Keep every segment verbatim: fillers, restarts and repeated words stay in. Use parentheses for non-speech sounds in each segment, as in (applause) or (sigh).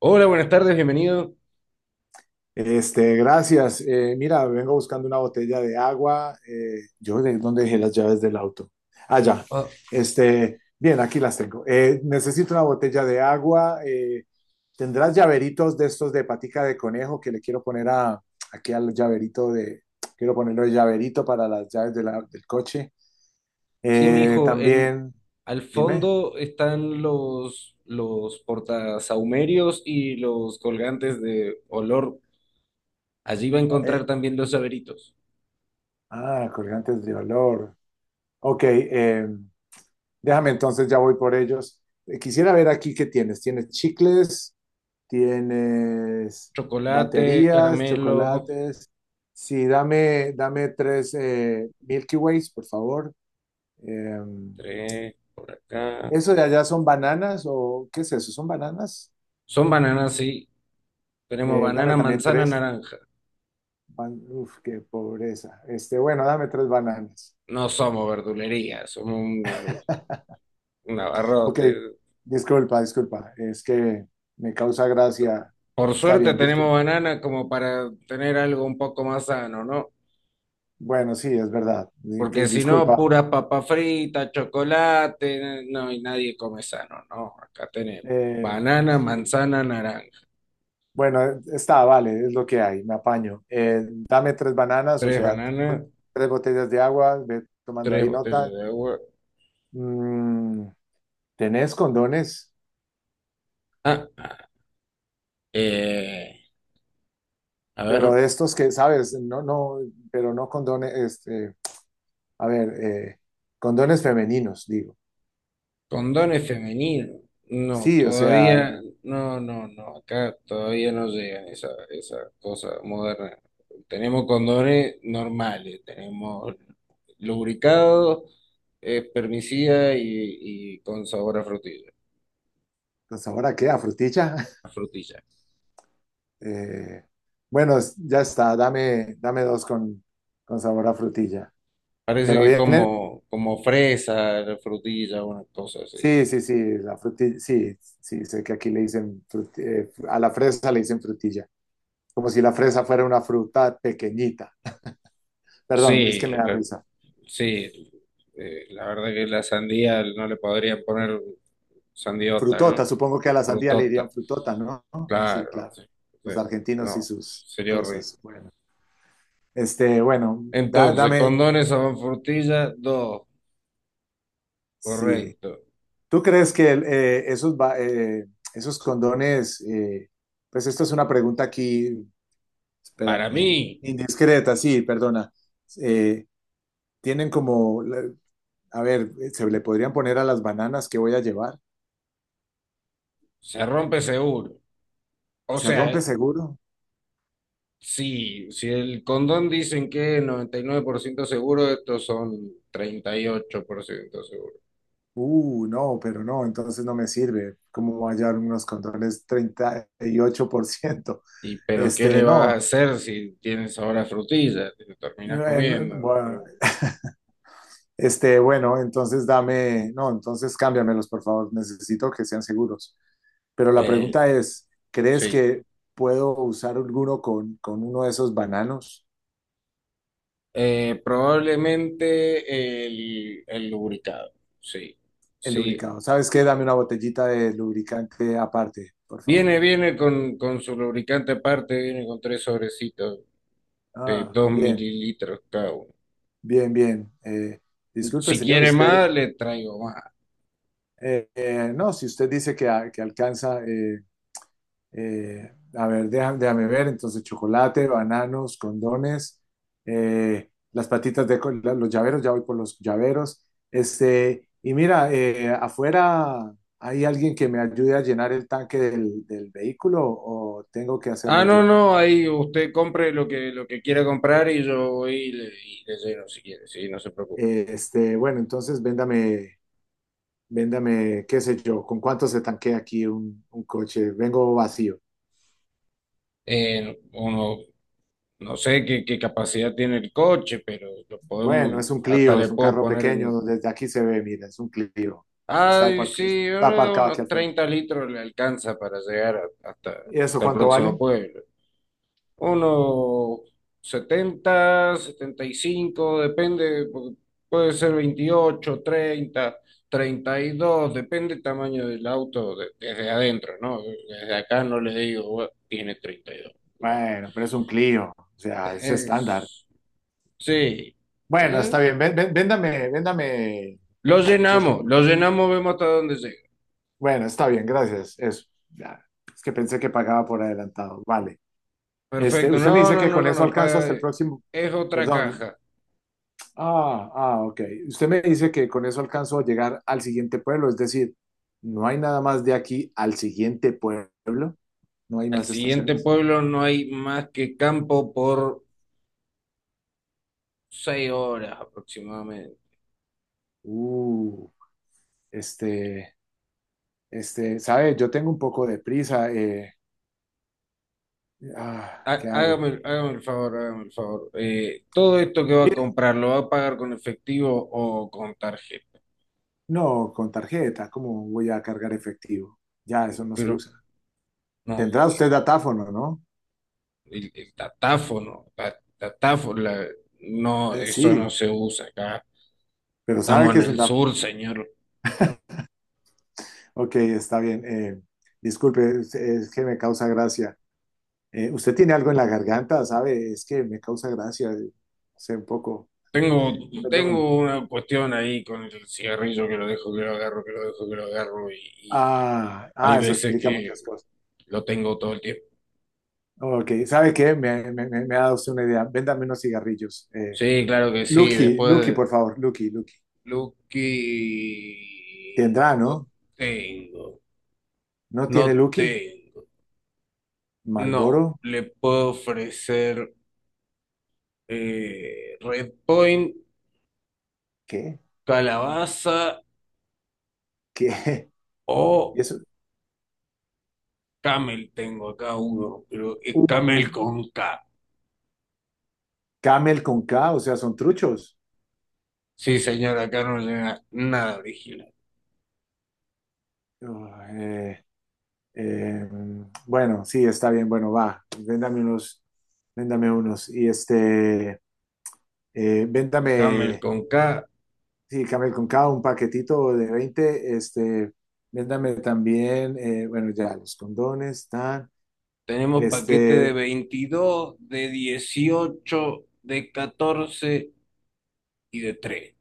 Hola, buenas tardes, bienvenido. Este, gracias. Eh, mira, vengo buscando una botella de agua. Eh, yo, ¿de dónde dejé las llaves del auto? Ah, ya. Ah, Este, bien, aquí las tengo. Eh, necesito una botella de agua. Eh, ¿tendrás llaveritos de estos de patica de conejo que le quiero poner a, aquí al llaverito de, quiero ponerle el llaverito para las llaves de la- del coche? sí, mi Eh, hijo, en También, al dime. fondo están los los portasahumerios y los colgantes de olor. Allí va a Eh, encontrar también los llaveritos. Ah, colgantes de olor. Ok, em, déjame entonces, ya voy por ellos. Eh, Quisiera ver aquí qué tienes. Tienes chicles, tienes Chocolate, baterías, caramelo, chocolates. Sí, dame, dame tres eh, Milky Ways, por favor. Eh, tres por acá. ¿Eso de allá son bananas o qué es eso? ¿Son bananas? Son bananas, sí. Tenemos Eh, dame banana, también manzana, tres. naranja. Ban- Uf, qué pobreza. Este, bueno, dame tres bananas. No somos verdulería, somos una- un Ok, abarrote. disculpa, disculpa. Es que me causa gracia. Por Está suerte bien, tenemos disculpa. banana como para tener algo un poco más sano, ¿no? Bueno, sí, es verdad. Di- que- Ah, Porque si no, disculpa. puras papas fritas, chocolate, no, y nadie come sano, no, acá tenemos Eh, banana, sí. manzana, naranja, Bueno, eh, está, vale, es lo que hay, me apaño. Eh, dame tres bananas, o tres sea, te- bananas, tres botellas de agua, ve tomando tres ahí nota. botellas de agua. Mm, Tenés condones, Ah, ah, eh, a pero ver, de estos que, sabes, no, no, pero no condones, este, a ver, eh, condones femeninos, digo. condones femeninos, no, Sí, o sea, todavía, no, no, no, acá todavía no llegan esa, esa cosa moderna. Tenemos condones normales, tenemos lubricados, eh, espermicida y, y con sabor a frutilla, pues ahora qué, a frutilla. a (laughs) frutilla. Eh, bueno, ya está, dame, dame dos con, con sabor a frutilla. Parece Pero que viene, como, como fresa, frutilla, una cosa así. sí, sí, sí, la frutilla, sí, sí, sé que aquí le dicen, fruti- eh, a la fresa le dicen frutilla, como si la fresa fuera una fruta pequeñita. Perdón, es que me Sí, da la- risa. sí, eh, la verdad que la sandía no le podrían poner sandiota, ¿no? Frutota, supongo que a la sandía le dirían Frutota, frutota, ¿no? Ah, sí, claro, claro. sí, sí, Los argentinos y no, sus sería horrible. cosas. Bueno, este, bueno, da- Entonces, dame, condones son frutilla, dos, sí. correcto. ¿Tú crees que el, eh, esos, ba- eh, esos condones, eh, pues esto es una pregunta aquí, espera, Para eh, mí, indiscreta, sí, perdona? Eh, Tienen como, la- a ver, se le podrían poner a las bananas que voy a llevar. se rompe seguro. O ¿Se sea, rompe seguro? sí, si el condón dicen que es noventa y nueve por ciento seguro, estos son treinta y ocho por ciento seguro. Uh, no, pero no, entonces no me sirve. ¿Cómo voy a hallar unos controles treinta y ocho por ciento? Y pero ¿qué Este, le vas a no. hacer si tienes ahora frutilla? Te lo terminas Eh, no, comiendo. bueno, este, bueno, entonces dame, no, entonces cámbiamelos, por favor. Necesito que sean seguros. Pero la Eh, pregunta es, ¿crees sí. que puedo usar alguno con, con uno de esos bananos? Eh, probablemente el, el lubricado. Sí. El Sí. lubricado. ¿Sabes qué? Dame una botellita de lubricante aparte, por favor. Viene, viene con, con su lubricante aparte, viene con tres sobrecitos de Ah, dos bien, mililitros cada uno. bien, bien. Eh, disculpe, Si señor, quiere usted. más, le traigo. Eh, eh, no, si usted dice que, a- que alcanza. Eh, eh, a ver, déjame, déjame ver. Entonces, chocolate, bananos, condones, eh, las patitas de co- la- los llaveros. Ya voy por los llaveros. Este, y mira, eh, afuera hay alguien que me ayude a llenar el tanque del, del vehículo, o tengo que Ah, hacerlo no, yo. no, ahí usted compre lo que, lo que quiera comprar y yo voy y le, y le lleno si quiere, sí, no se preocupe. Eh, Este, bueno, entonces véndame, véndame, qué sé yo, ¿con cuánto se tanquea aquí un, un coche? Vengo vacío. Eh, uno, no sé qué, qué capacidad tiene el coche, pero lo podemos, Bueno, es un hasta Clio, le es un puedo carro poner, en- pequeño, desde aquí se ve, mira, es un Clio. Está, ay, apar- sí, Está aparcado aquí unos al frente. treinta litros le alcanza para llegar a- hasta, ¿Y eso hasta el cuánto próximo vale? pueblo. Unos setenta, setenta y cinco depende, porque puede ser veintiocho, treinta, treinta y dos, depende el tamaño del auto de- desde adentro, ¿no? Desde acá no les digo, "Bueno, tiene treinta y dos, no". Bueno, pero es un Clio, o sea, es estándar. Es- sí. Bueno, ¿Eh? está bien, ven- ven- véndame, véndame, Lo qué sé llenamos, yo. lo llenamos, vemos hasta dónde llega. Bueno, está bien, gracias, eso. Ya, es que pensé que pagaba por adelantado, vale. Este, Perfecto, usted me no, dice no, que no, con no, eso no, alcanzo pa- hasta el próximo, es otra perdón. caja. Ah, ah, ok. Usted me dice que con eso alcanzo a llegar al siguiente pueblo, es decir, no hay nada más de aquí al siguiente pueblo, no hay Al más siguiente estaciones. pueblo no hay más que campo por seis horas aproximadamente. Uh, este, este, ¿sabe? Yo tengo un poco de prisa. Eh, ah, Há- ¿qué hago? Hágame, hágame el favor, hágame el favor. Eh, todo esto que va a Mire, comprar, ¿lo va a pagar con efectivo o con tarjeta? no, con tarjeta, ¿cómo voy a cargar efectivo? Ya, eso no se Pero usa. no, Tendrá usted datáfono, ¿no? el, el datáfono, la, datáfo- la- no, Eh, eso no Sí, se usa acá. pero sabe Estamos que en es un el datáfono. sur, señor. Ok, está bien. Eh, disculpe, es es que me causa gracia. Eh, ¿usted tiene algo en la garganta, sabe? Es que me causa gracia, eh, sé un poco, Tengo, perdón. tengo una cuestión ahí con el cigarrillo que lo dejo, que lo agarro, que lo dejo, que lo agarro y, y Ah, hay ah, eso veces explica que muchas cosas. lo tengo todo el tiempo. Ok, ¿sabe qué? Me, me, me- me ha dado usted una idea. Véndame unos cigarrillos. Eh, Sí, claro que sí, Lucky, Lucky, después. por favor, Lucky, Lucky. Lo que Tendrá, no ¿no? tengo, ¿No tiene no Lucky? tengo, ¿Malboro? no, le puedo ofrecer eh, Red Point, ¿Qué? calabaza ¿Qué? (laughs) o ¿Y eso? Camel, tengo acá uno, pero es Camel Uh, con K. Camel con K, o sea, son truchos. Sí, señora, acá no le da nada original. Uh, eh, eh, bueno, sí, está bien, bueno, va. Véndame unos, véndame unos. Y este... eh, Camel véndame, con K, sí, Camel con cada un paquetito de veinte, este, véndame también, eh, bueno, ya los condones, están, tenemos paquete de este, veintidós, de dieciocho, de catorce y de tres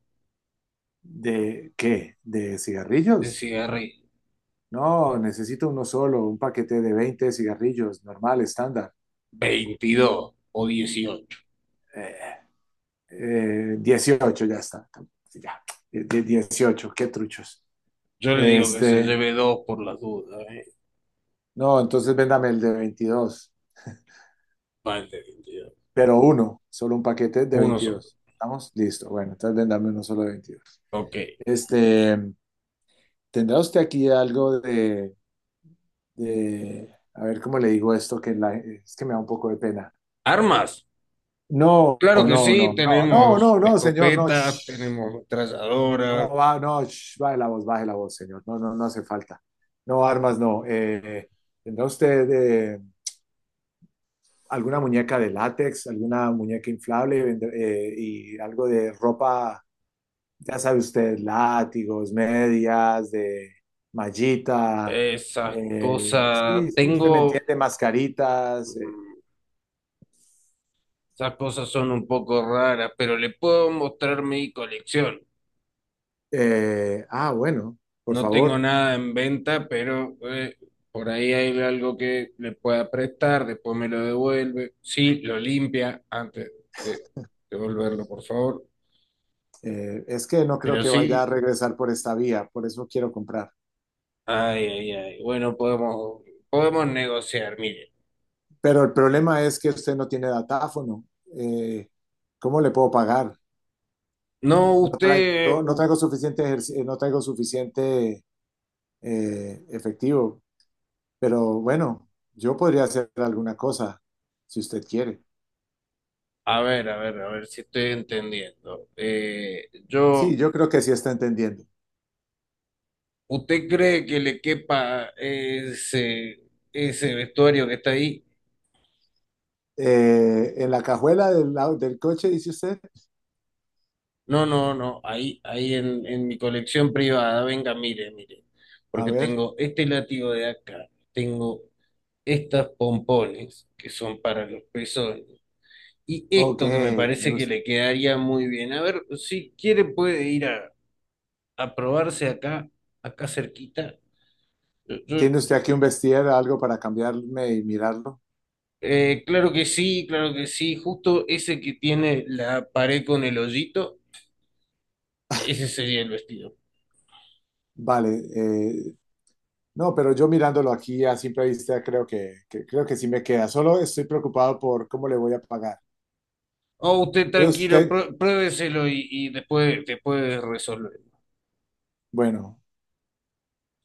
¿de qué? ¿De de cigarrillos? cigarrillo. No, necesito uno solo, un paquete de veinte cigarrillos, normal, estándar. Veintidós o dieciocho. Eh, eh, dieciocho, ya está. Sí, ya, de dieciocho, qué truchos. Yo le digo que se Este, lleve dos por las dudas, ¿eh? no, entonces véndame el de veintidós, Más de veintidós. pero uno, solo un paquete de Uno solo. veintidós. ¿Estamos? Listo. Bueno, entonces ven, uno solo de veintidós. Ok. Este, ¿tendrá usted aquí algo de, de- a ver cómo le digo esto, que la- es que me da un poco de pena? ¿Armas? No, no, Claro que no, no, sí, no, no, tenemos no, no, señor, no. escopetas, Shh. tenemos metralladoras, No, va, no, shh, baje la voz, baje la voz, señor. No, no, no hace falta. No, armas, no. Eh, ¿tendrá usted eh, alguna muñeca de látex, alguna muñeca inflable vende- eh, y algo de ropa? Ya sabe usted, látigos, medias, de mallita, esas eh, cosas. sí, sí, usted me Tengo. entiende, mascaritas. eh, mm, Esas cosas son un poco raras, pero le puedo mostrar mi colección. Eh, ah, bueno, por No tengo favor. nada en venta, pero eh, por ahí hay algo que le pueda prestar, después me lo devuelve. Sí, lo limpia antes de devolverlo, por favor. Eh, es que no creo Pero que vaya a sí, regresar por esta vía, por eso quiero comprar. ay, ay, ay. Bueno, podemos, podemos negociar, mire. Pero el problema es que usted no tiene datáfono. eh, ¿Cómo le puedo pagar? No, No usted, traigo, no u- traigo suficiente, ejerci- eh, no traigo suficiente, eh, efectivo, pero bueno, yo podría hacer alguna cosa si usted quiere. a ver, a ver, a ver si estoy entendiendo. Eh, Sí, yo, yo creo que sí está entendiendo. ¿usted cree que le quepa ese, ese vestuario que está ahí? Eh, en la cajuela del, lado del coche, dice usted. No, no, no, ahí, ahí en, en mi colección privada, venga, mire, mire, A porque ver, tengo este látigo de acá, tengo estas pompones que son para los pezones y ok, esto que me me parece que gusta. le quedaría muy bien. A ver, si quiere puede ir a, a probarse acá, acá cerquita. Yo- yo- ¿Tiene usted aquí un vestir, algo para cambiarme y mirarlo? eh, claro que sí, claro que sí, justo ese que tiene la pared con el hoyito, ese sería el vestido. Vale, eh, no, pero yo mirándolo aquí a simple vista creo que, que- creo que sí me queda. Solo estoy preocupado por cómo le voy a pagar. Oh, usted ¿Cree tranquilo, usted? prue- pruébeselo y, y después, después resolver. Bueno,